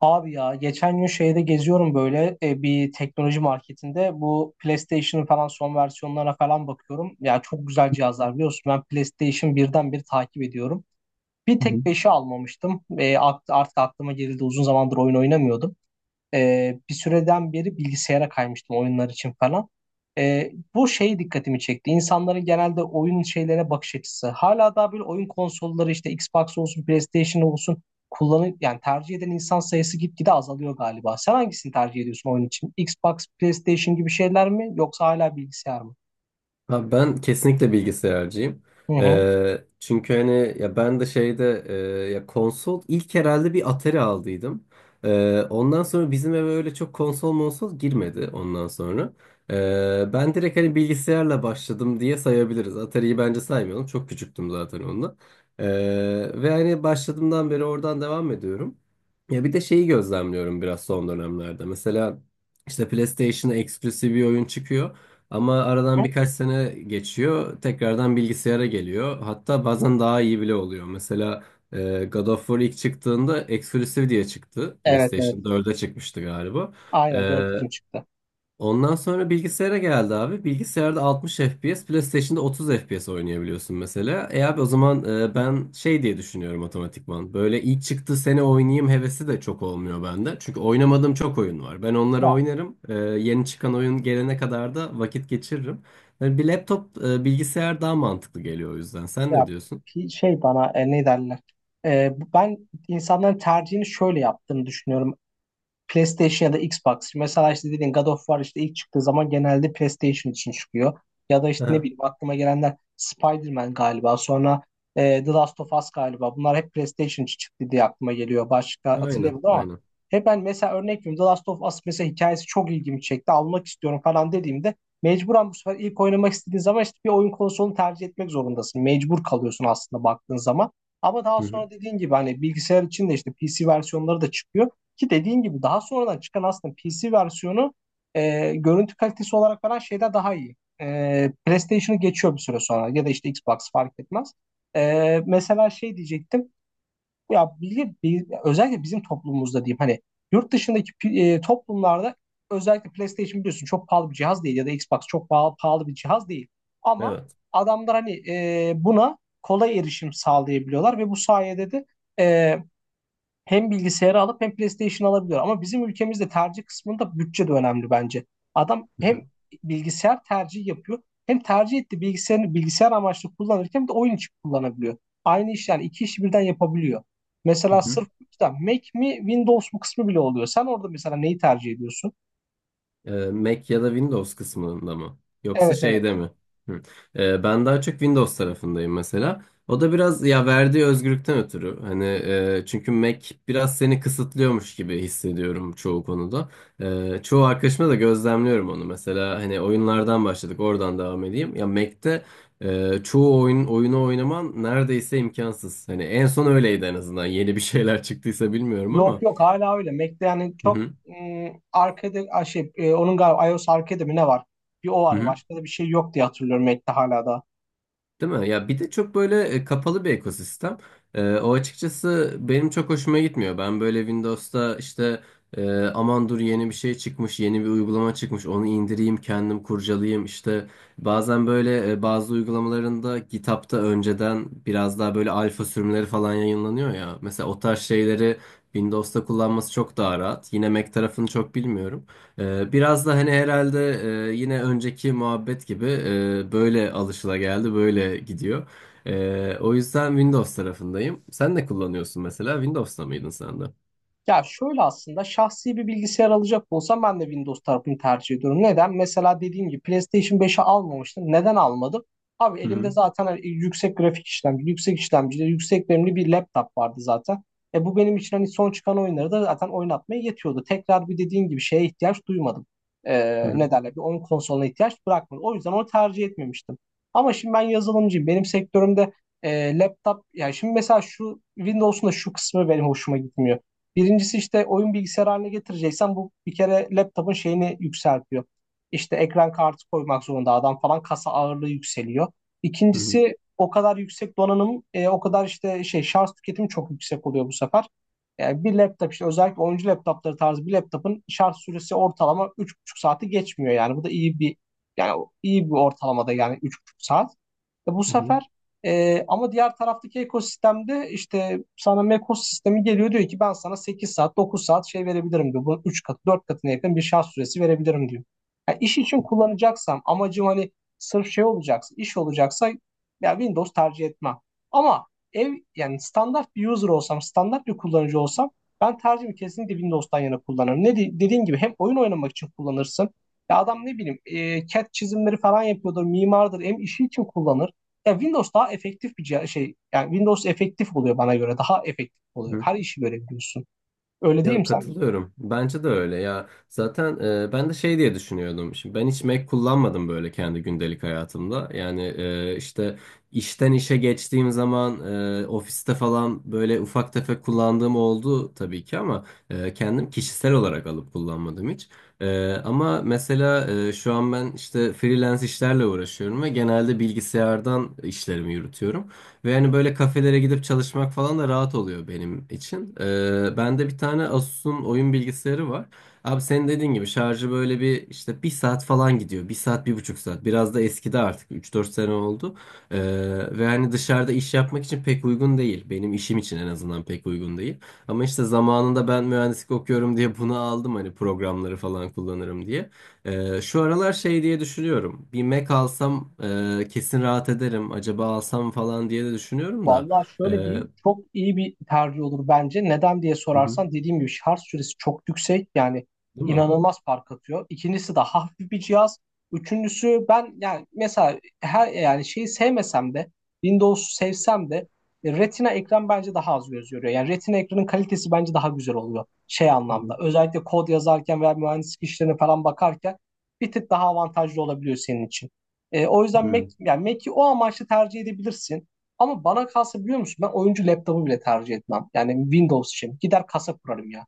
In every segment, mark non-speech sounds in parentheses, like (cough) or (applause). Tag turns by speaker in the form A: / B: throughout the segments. A: Abi ya geçen gün şeyde geziyorum böyle bir teknoloji marketinde bu PlayStation'ın falan son versiyonlarına falan bakıyorum. Ya çok güzel cihazlar biliyorsun ben PlayStation birden bir takip ediyorum. Bir
B: Hı hı.
A: tek 5'i almamıştım. Artık aklıma geldi uzun zamandır oyun oynamıyordum. Bir süreden beri bilgisayara kaymıştım oyunlar için falan. Bu şey dikkatimi çekti. İnsanların genelde oyun şeylere bakış açısı. Hala daha böyle oyun konsolları işte Xbox olsun, PlayStation olsun kullanıp yani tercih eden insan sayısı gitgide azalıyor galiba. Sen hangisini tercih ediyorsun oyun için? Xbox, PlayStation gibi şeyler mi yoksa hala bilgisayar mı?
B: Ha, ben kesinlikle bilgisayarcıyım.
A: Hı hı.
B: Çünkü hani ya ben de ya konsol ilk herhalde bir Atari aldıydım. Ondan sonra bizim eve öyle çok konsol monsol girmedi ondan sonra. Ben direkt hani bilgisayarla başladım diye sayabiliriz. Atari'yi bence saymayalım. Çok küçüktüm zaten onunla. Ee, Ve hani başladığımdan beri oradan devam ediyorum. Ya bir de şeyi gözlemliyorum biraz son dönemlerde. Mesela işte PlayStation'a eksklusif bir oyun çıkıyor. Ama
A: Hı
B: aradan
A: hı.
B: birkaç sene geçiyor. Tekrardan bilgisayara geliyor. Hatta bazen daha iyi bile oluyor. Mesela God of War ilk çıktığında Exclusive diye çıktı.
A: Evet evet.
B: PlayStation 4'e çıkmıştı galiba. E,
A: Aynen dört 2 çıktı.
B: Ondan sonra bilgisayara geldi abi. Bilgisayarda 60 FPS, PlayStation'da 30 FPS oynayabiliyorsun mesela. E abi o zaman ben şey diye düşünüyorum otomatikman. Böyle ilk çıktığı sene oynayayım hevesi de çok olmuyor bende. Çünkü oynamadığım çok oyun var. Ben onları
A: Ya,
B: oynarım. Yeni çıkan oyun gelene kadar da vakit geçiririm. Yani bir bilgisayar daha mantıklı geliyor o yüzden. Sen ne
A: ya
B: diyorsun?
A: pi- şey bana e, ne derler? Ben insanların tercihini şöyle yaptığını düşünüyorum. PlayStation ya da Xbox. Mesela işte dediğin God of War işte ilk çıktığı zaman genelde PlayStation için çıkıyor. Ya da işte ne
B: Aha.
A: bileyim aklıma gelenler Spider-Man galiba. Sonra The Last of Us galiba. Bunlar hep PlayStation için çıktı diye aklıma geliyor. Başka
B: Aynen,
A: hatırlayamadım ama
B: aynen.
A: hep ben mesela örnek veriyorum. The Last of Us mesela hikayesi çok ilgimi çekti. Almak istiyorum falan dediğimde mecburen bu sefer ilk oynamak istediğin zaman işte bir oyun konsolunu tercih etmek zorundasın. Mecbur kalıyorsun aslında baktığın zaman. Ama daha
B: Hı hı.
A: sonra dediğin gibi hani bilgisayar için de işte PC versiyonları da çıkıyor. Ki dediğin gibi daha sonradan çıkan aslında PC versiyonu, görüntü kalitesi olarak falan şeyde daha iyi. PlayStation'ı geçiyor bir süre sonra ya da işte Xbox fark etmez. Mesela şey diyecektim. Özellikle bizim toplumumuzda diyeyim hani yurt dışındaki toplumlarda özellikle PlayStation biliyorsun çok pahalı bir cihaz değil ya da Xbox çok pahalı bir cihaz değil. Ama
B: Evet.
A: adamlar hani buna kolay erişim sağlayabiliyorlar ve bu sayede de e, hem bilgisayarı alıp hem PlayStation alabiliyor. Ama bizim ülkemizde tercih kısmında bütçe de önemli bence. Adam
B: Hı
A: hem
B: hı.
A: bilgisayar tercihi yapıyor hem tercih ettiği bilgisayarını bilgisayar amaçlı kullanırken bir de oyun için kullanabiliyor. Aynı iş yani iki işi birden yapabiliyor.
B: Hı
A: Mesela
B: hı.
A: sırf işte Mac mi Windows mu kısmı bile oluyor. Sen orada mesela neyi tercih ediyorsun?
B: Mac ya da Windows kısmında mı? Yoksa
A: Evet evet.
B: şeyde mi? Hı. Ben daha çok Windows tarafındayım mesela. O da biraz ya verdiği özgürlükten ötürü. Hani çünkü Mac biraz seni kısıtlıyormuş gibi hissediyorum çoğu konuda. Çoğu arkadaşıma da gözlemliyorum onu. Mesela hani oyunlardan başladık, oradan devam edeyim. Ya Mac'te çoğu oyunu oynaman neredeyse imkansız. Hani en son öyleydi en azından. Yeni bir (laughs) şeyler çıktıysa bilmiyorum
A: Yok
B: ama.
A: yok hala öyle. Mac'te yani
B: Hı
A: çok
B: hı.
A: arkada şey onun galiba iOS arkada mi ne var? Bir o
B: Hı
A: var
B: hı.
A: başka da bir şey yok diye hatırlıyorum Mac'te hala da.
B: Değil mi? Ya bir de çok böyle kapalı bir ekosistem. O açıkçası benim çok hoşuma gitmiyor. Ben böyle Windows'ta işte aman dur yeni bir şey çıkmış, yeni bir uygulama çıkmış, onu indireyim, kendim kurcalayayım. İşte bazen böyle bazı uygulamalarında GitHub'ta önceden biraz daha böyle alfa sürümleri falan yayınlanıyor ya. Mesela o tarz şeyleri Windows'ta kullanması çok daha rahat. Yine Mac tarafını çok bilmiyorum. Biraz da hani herhalde yine önceki muhabbet gibi böyle alışılageldi, böyle gidiyor. O yüzden Windows tarafındayım. Sen ne kullanıyorsun mesela? Windows'ta mıydın sen de?
A: Ya şöyle aslında şahsi bir bilgisayar alacak olsam ben de Windows tarafını tercih ediyorum. Neden? Mesela dediğim gibi PlayStation 5'i almamıştım. Neden almadım? Abi
B: Hı
A: elimde
B: hı,
A: zaten hani yüksek grafik işlemci, yüksek işlemcili, yüksek RAM'li bir laptop vardı zaten. E bu benim için hani son çıkan oyunları da zaten oynatmaya yetiyordu. Tekrar bir dediğim gibi şeye ihtiyaç duymadım. E,
B: hı hı,
A: Ne derler? Bir oyun konsoluna ihtiyaç bırakmadım. O yüzden onu tercih etmemiştim. Ama şimdi ben yazılımcıyım. Benim sektörümde laptop, yani şimdi mesela şu Windows'un da şu kısmı benim hoşuma gitmiyor. Birincisi işte oyun bilgisayarı haline getireceksen bu bir kere laptopun şeyini yükseltiyor. İşte ekran kartı koymak zorunda adam falan kasa ağırlığı yükseliyor.
B: hı hı,
A: İkincisi o kadar yüksek donanım, o kadar işte şey şarj tüketimi çok yüksek oluyor bu sefer. Yani bir laptop işte özellikle oyuncu laptopları tarzı bir laptopun şarj süresi ortalama 3,5 saati geçmiyor yani. Bu da iyi bir yani iyi bir ortalamada yani 3,5 saat. E bu
B: hı
A: sefer ama diğer taraftaki ekosistemde işte sana Mekos sistemi geliyor diyor ki ben sana 8 saat 9 saat şey verebilirim diyor. Bunun 3 katı 4 katına yakın bir şarj süresi verebilirim diyor. Yani iş için kullanacaksam amacım hani sırf şey olacaksa iş olacaksa ya Windows tercih etmem. Ama ev yani standart bir user olsam standart bir kullanıcı olsam ben tercihimi kesinlikle Windows'tan yana kullanırım. Dediğin gibi hem oyun oynamak için kullanırsın. Ya adam ne bileyim CAD çizimleri falan yapıyordur, mimardır, hem işi için kullanır. Ya Windows daha efektif bir cihaz, şey yani Windows efektif oluyor bana göre. Daha efektif oluyor.
B: hı.
A: Her işi görebiliyorsun. Öyle değil
B: Ya
A: mi sen?
B: katılıyorum. Bence de öyle ya. Zaten ben de şey diye düşünüyordum. Şimdi ben hiç Mac kullanmadım böyle kendi gündelik hayatımda. Yani işte işten işe geçtiğim zaman ofiste falan böyle ufak tefek kullandığım oldu tabii ki ama kendim kişisel olarak alıp kullanmadım hiç. Ama mesela şu an ben işte freelance işlerle uğraşıyorum ve genelde bilgisayardan işlerimi yürütüyorum. Ve hani böyle kafelere gidip çalışmak falan da rahat oluyor benim için. Bende bir tane Asus'un oyun bilgisayarı var. Abi senin dediğin gibi şarjı böyle bir işte bir saat falan gidiyor. Bir saat, bir buçuk saat. Biraz da eskidi artık. Üç dört sene oldu. Ee, Ve hani dışarıda iş yapmak için pek uygun değil. Benim işim için en azından pek uygun değil. Ama işte zamanında ben mühendislik okuyorum diye bunu aldım hani programları falan kullanırım diye. Şu aralar şey diye düşünüyorum. Bir Mac alsam kesin rahat ederim. Acaba alsam falan diye de düşünüyorum da.
A: Vallahi şöyle diyeyim
B: Hı
A: çok iyi bir tercih olur bence. Neden diye
B: hı,
A: sorarsan dediğim gibi şarj süresi çok yüksek yani
B: değil mi?
A: inanılmaz fark atıyor. İkincisi de hafif bir cihaz. Üçüncüsü ben yani mesela her yani şeyi sevmesem de Windows'u sevsem de, Retina ekran bence daha az göz yoruyor. Yani Retina ekranın kalitesi bence daha güzel oluyor şey
B: Hı hı,
A: anlamda. Özellikle kod yazarken veya mühendislik işlerine falan bakarken bir tık daha avantajlı olabiliyor senin için. O
B: hı
A: yüzden Mac
B: hı,
A: yani Mac'i o amaçla tercih edebilirsin. Ama bana kalsa biliyor musun ben oyuncu laptopu bile tercih etmem. Yani Windows için. Gider kasa kurarım ya.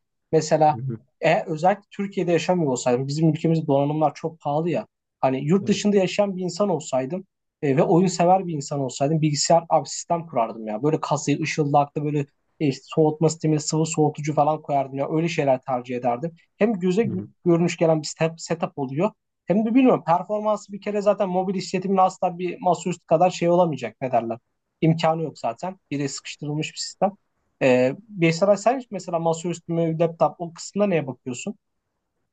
B: hı
A: Mesela
B: hı,
A: özellikle Türkiye'de yaşamıyor olsaydım bizim ülkemizde donanımlar çok pahalı ya. Hani yurt
B: evet,
A: dışında yaşayan bir insan olsaydım ve oyun sever bir insan olsaydım bilgisayar abi sistem kurardım ya. Böyle kasayı ışıldaklı böyle soğutma sistemi sıvı soğutucu falan koyardım ya. Öyle şeyler tercih ederdim. Hem göze
B: hı hı.
A: görünüş gelen bir setup oluyor. Hem de bilmiyorum performansı bir kere zaten mobil işletimin asla bir masaüstü kadar şey olamayacak ne derler imkanı yok zaten. Biri sıkıştırılmış bir sistem. Beysaray sen mesela masaüstü mü, laptop o kısmına neye bakıyorsun?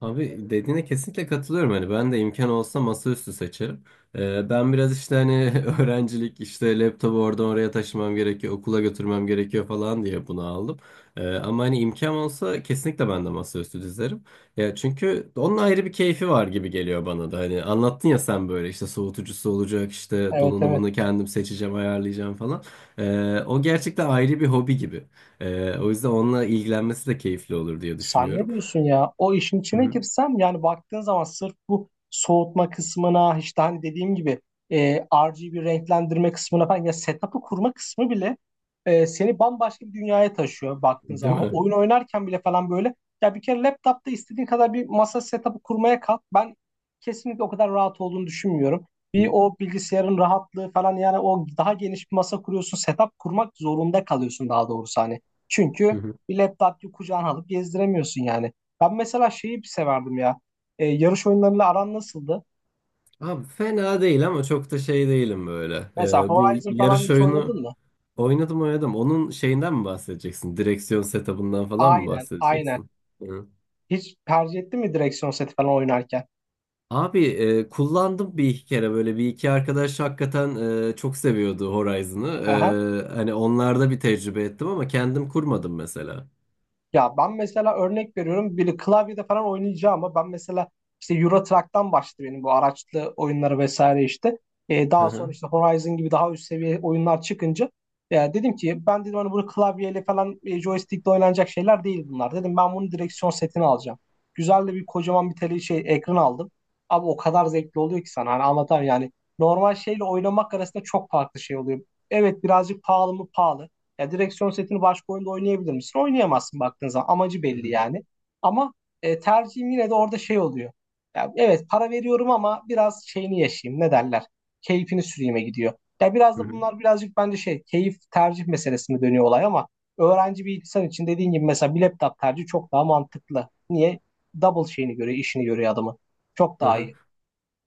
B: Abi dediğine kesinlikle katılıyorum. Hani ben de imkan olsa masaüstü seçerim. Ben biraz işte hani (laughs) öğrencilik işte laptopu oradan oraya taşımam gerekiyor, okula götürmem gerekiyor falan diye bunu aldım. Ama hani imkan olsa kesinlikle ben de masaüstü dizerim. Ya çünkü onun ayrı bir keyfi var gibi geliyor bana da. Hani anlattın ya sen böyle işte soğutucusu olacak, işte
A: Evet evet.
B: donanımını kendim seçeceğim, ayarlayacağım falan. O gerçekten ayrı bir hobi gibi. O yüzden onunla ilgilenmesi de keyifli olur diye
A: Sen ne
B: düşünüyorum.
A: diyorsun ya? O işin
B: Hı
A: içine
B: hı.
A: girsem yani baktığın zaman sırf bu soğutma kısmına işte hani dediğim gibi, RGB renklendirme kısmına falan ya setup'ı kurma kısmı bile, seni bambaşka bir dünyaya taşıyor baktığın
B: Değil
A: zaman. Ha,
B: mi?
A: oyun oynarken bile falan böyle ya bir kere laptopta istediğin kadar bir masa setup'ı kurmaya kalk. Ben kesinlikle o kadar rahat olduğunu düşünmüyorum. Bir
B: Hı
A: o bilgisayarın rahatlığı falan yani o daha geniş bir masa kuruyorsun setup kurmak zorunda kalıyorsun daha doğrusu hani.
B: hı.
A: Çünkü
B: Hı.
A: bir laptop gibi kucağına alıp gezdiremiyorsun yani. Ben mesela şeyi bir severdim ya. Yarış oyunlarıyla aran nasıldı?
B: Abi fena değil ama çok da şey değilim böyle.
A: Mesela
B: Bu
A: Horizon falan
B: yarış
A: hiç
B: oyunu
A: oynadın mı?
B: oynadım oynadım. Onun şeyinden mi bahsedeceksin? Direksiyon setup'ından falan mı
A: Aynen, aynen.
B: bahsedeceksin? Hı.
A: Hiç tercih ettin mi direksiyon seti falan oynarken?
B: Abi kullandım bir iki kere böyle bir iki arkadaş hakikaten çok seviyordu Horizon'ı.
A: (laughs)
B: Hani onlarda bir tecrübe ettim ama kendim kurmadım mesela.
A: Ya ben mesela örnek veriyorum biri klavyede falan oynayacağım ama ben mesela işte Euro Truck'tan başladı benim bu araçlı oyunları vesaire işte.
B: Hı
A: Daha sonra
B: hı.
A: işte Horizon gibi daha üst seviye oyunlar çıkınca ya dedim ki ben dedim hani bunu klavyeyle falan joystickle oynanacak şeyler değil bunlar. Dedim ben bunu direksiyon setini alacağım. Güzel de bir kocaman bir tele şey ekran aldım. Abi o kadar zevkli oluyor ki sana hani anlatamam yani. Normal şeyle oynamak arasında çok farklı şey oluyor. Evet birazcık pahalı mı pahalı. Ya direksiyon setini başka oyunda oynayabilir misin? Oynayamazsın baktığın zaman. Amacı
B: Hı
A: belli yani. Ama tercihim yine de orada şey oluyor. Ya, evet para veriyorum ama biraz şeyini yaşayayım. Ne derler? Keyfini süreyime gidiyor. Ya biraz da
B: hı.
A: bunlar birazcık bence şey keyif tercih meselesine dönüyor olay ama öğrenci bir insan için dediğin gibi mesela bir laptop tercihi çok daha mantıklı. Niye? Double şeyini görüyor, işini görüyor adamı. Çok
B: Hı
A: daha
B: hı.
A: iyi.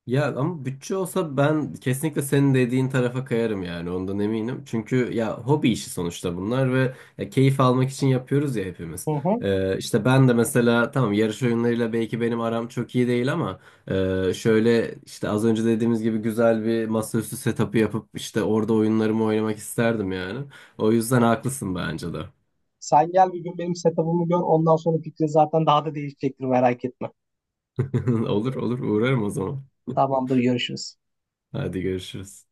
B: Ya ama bütçe olsa ben kesinlikle senin dediğin tarafa kayarım yani ondan eminim. Çünkü ya hobi işi sonuçta bunlar ve ya keyif almak için yapıyoruz ya hepimiz.
A: Hı hı.
B: İşte ben de mesela tamam yarış oyunlarıyla belki benim aram çok iyi değil ama şöyle işte az önce dediğimiz gibi güzel bir masaüstü setup'ı yapıp işte orada oyunlarımı oynamak isterdim yani. O yüzden haklısın bence de.
A: Sen gel bir gün benim setup'ımı gör. Ondan sonra fikrin zaten daha da değişecektir merak etme.
B: (laughs) Olur olur uğrarım o zaman. (laughs)
A: Tamamdır görüşürüz.
B: Hadi görüşürüz.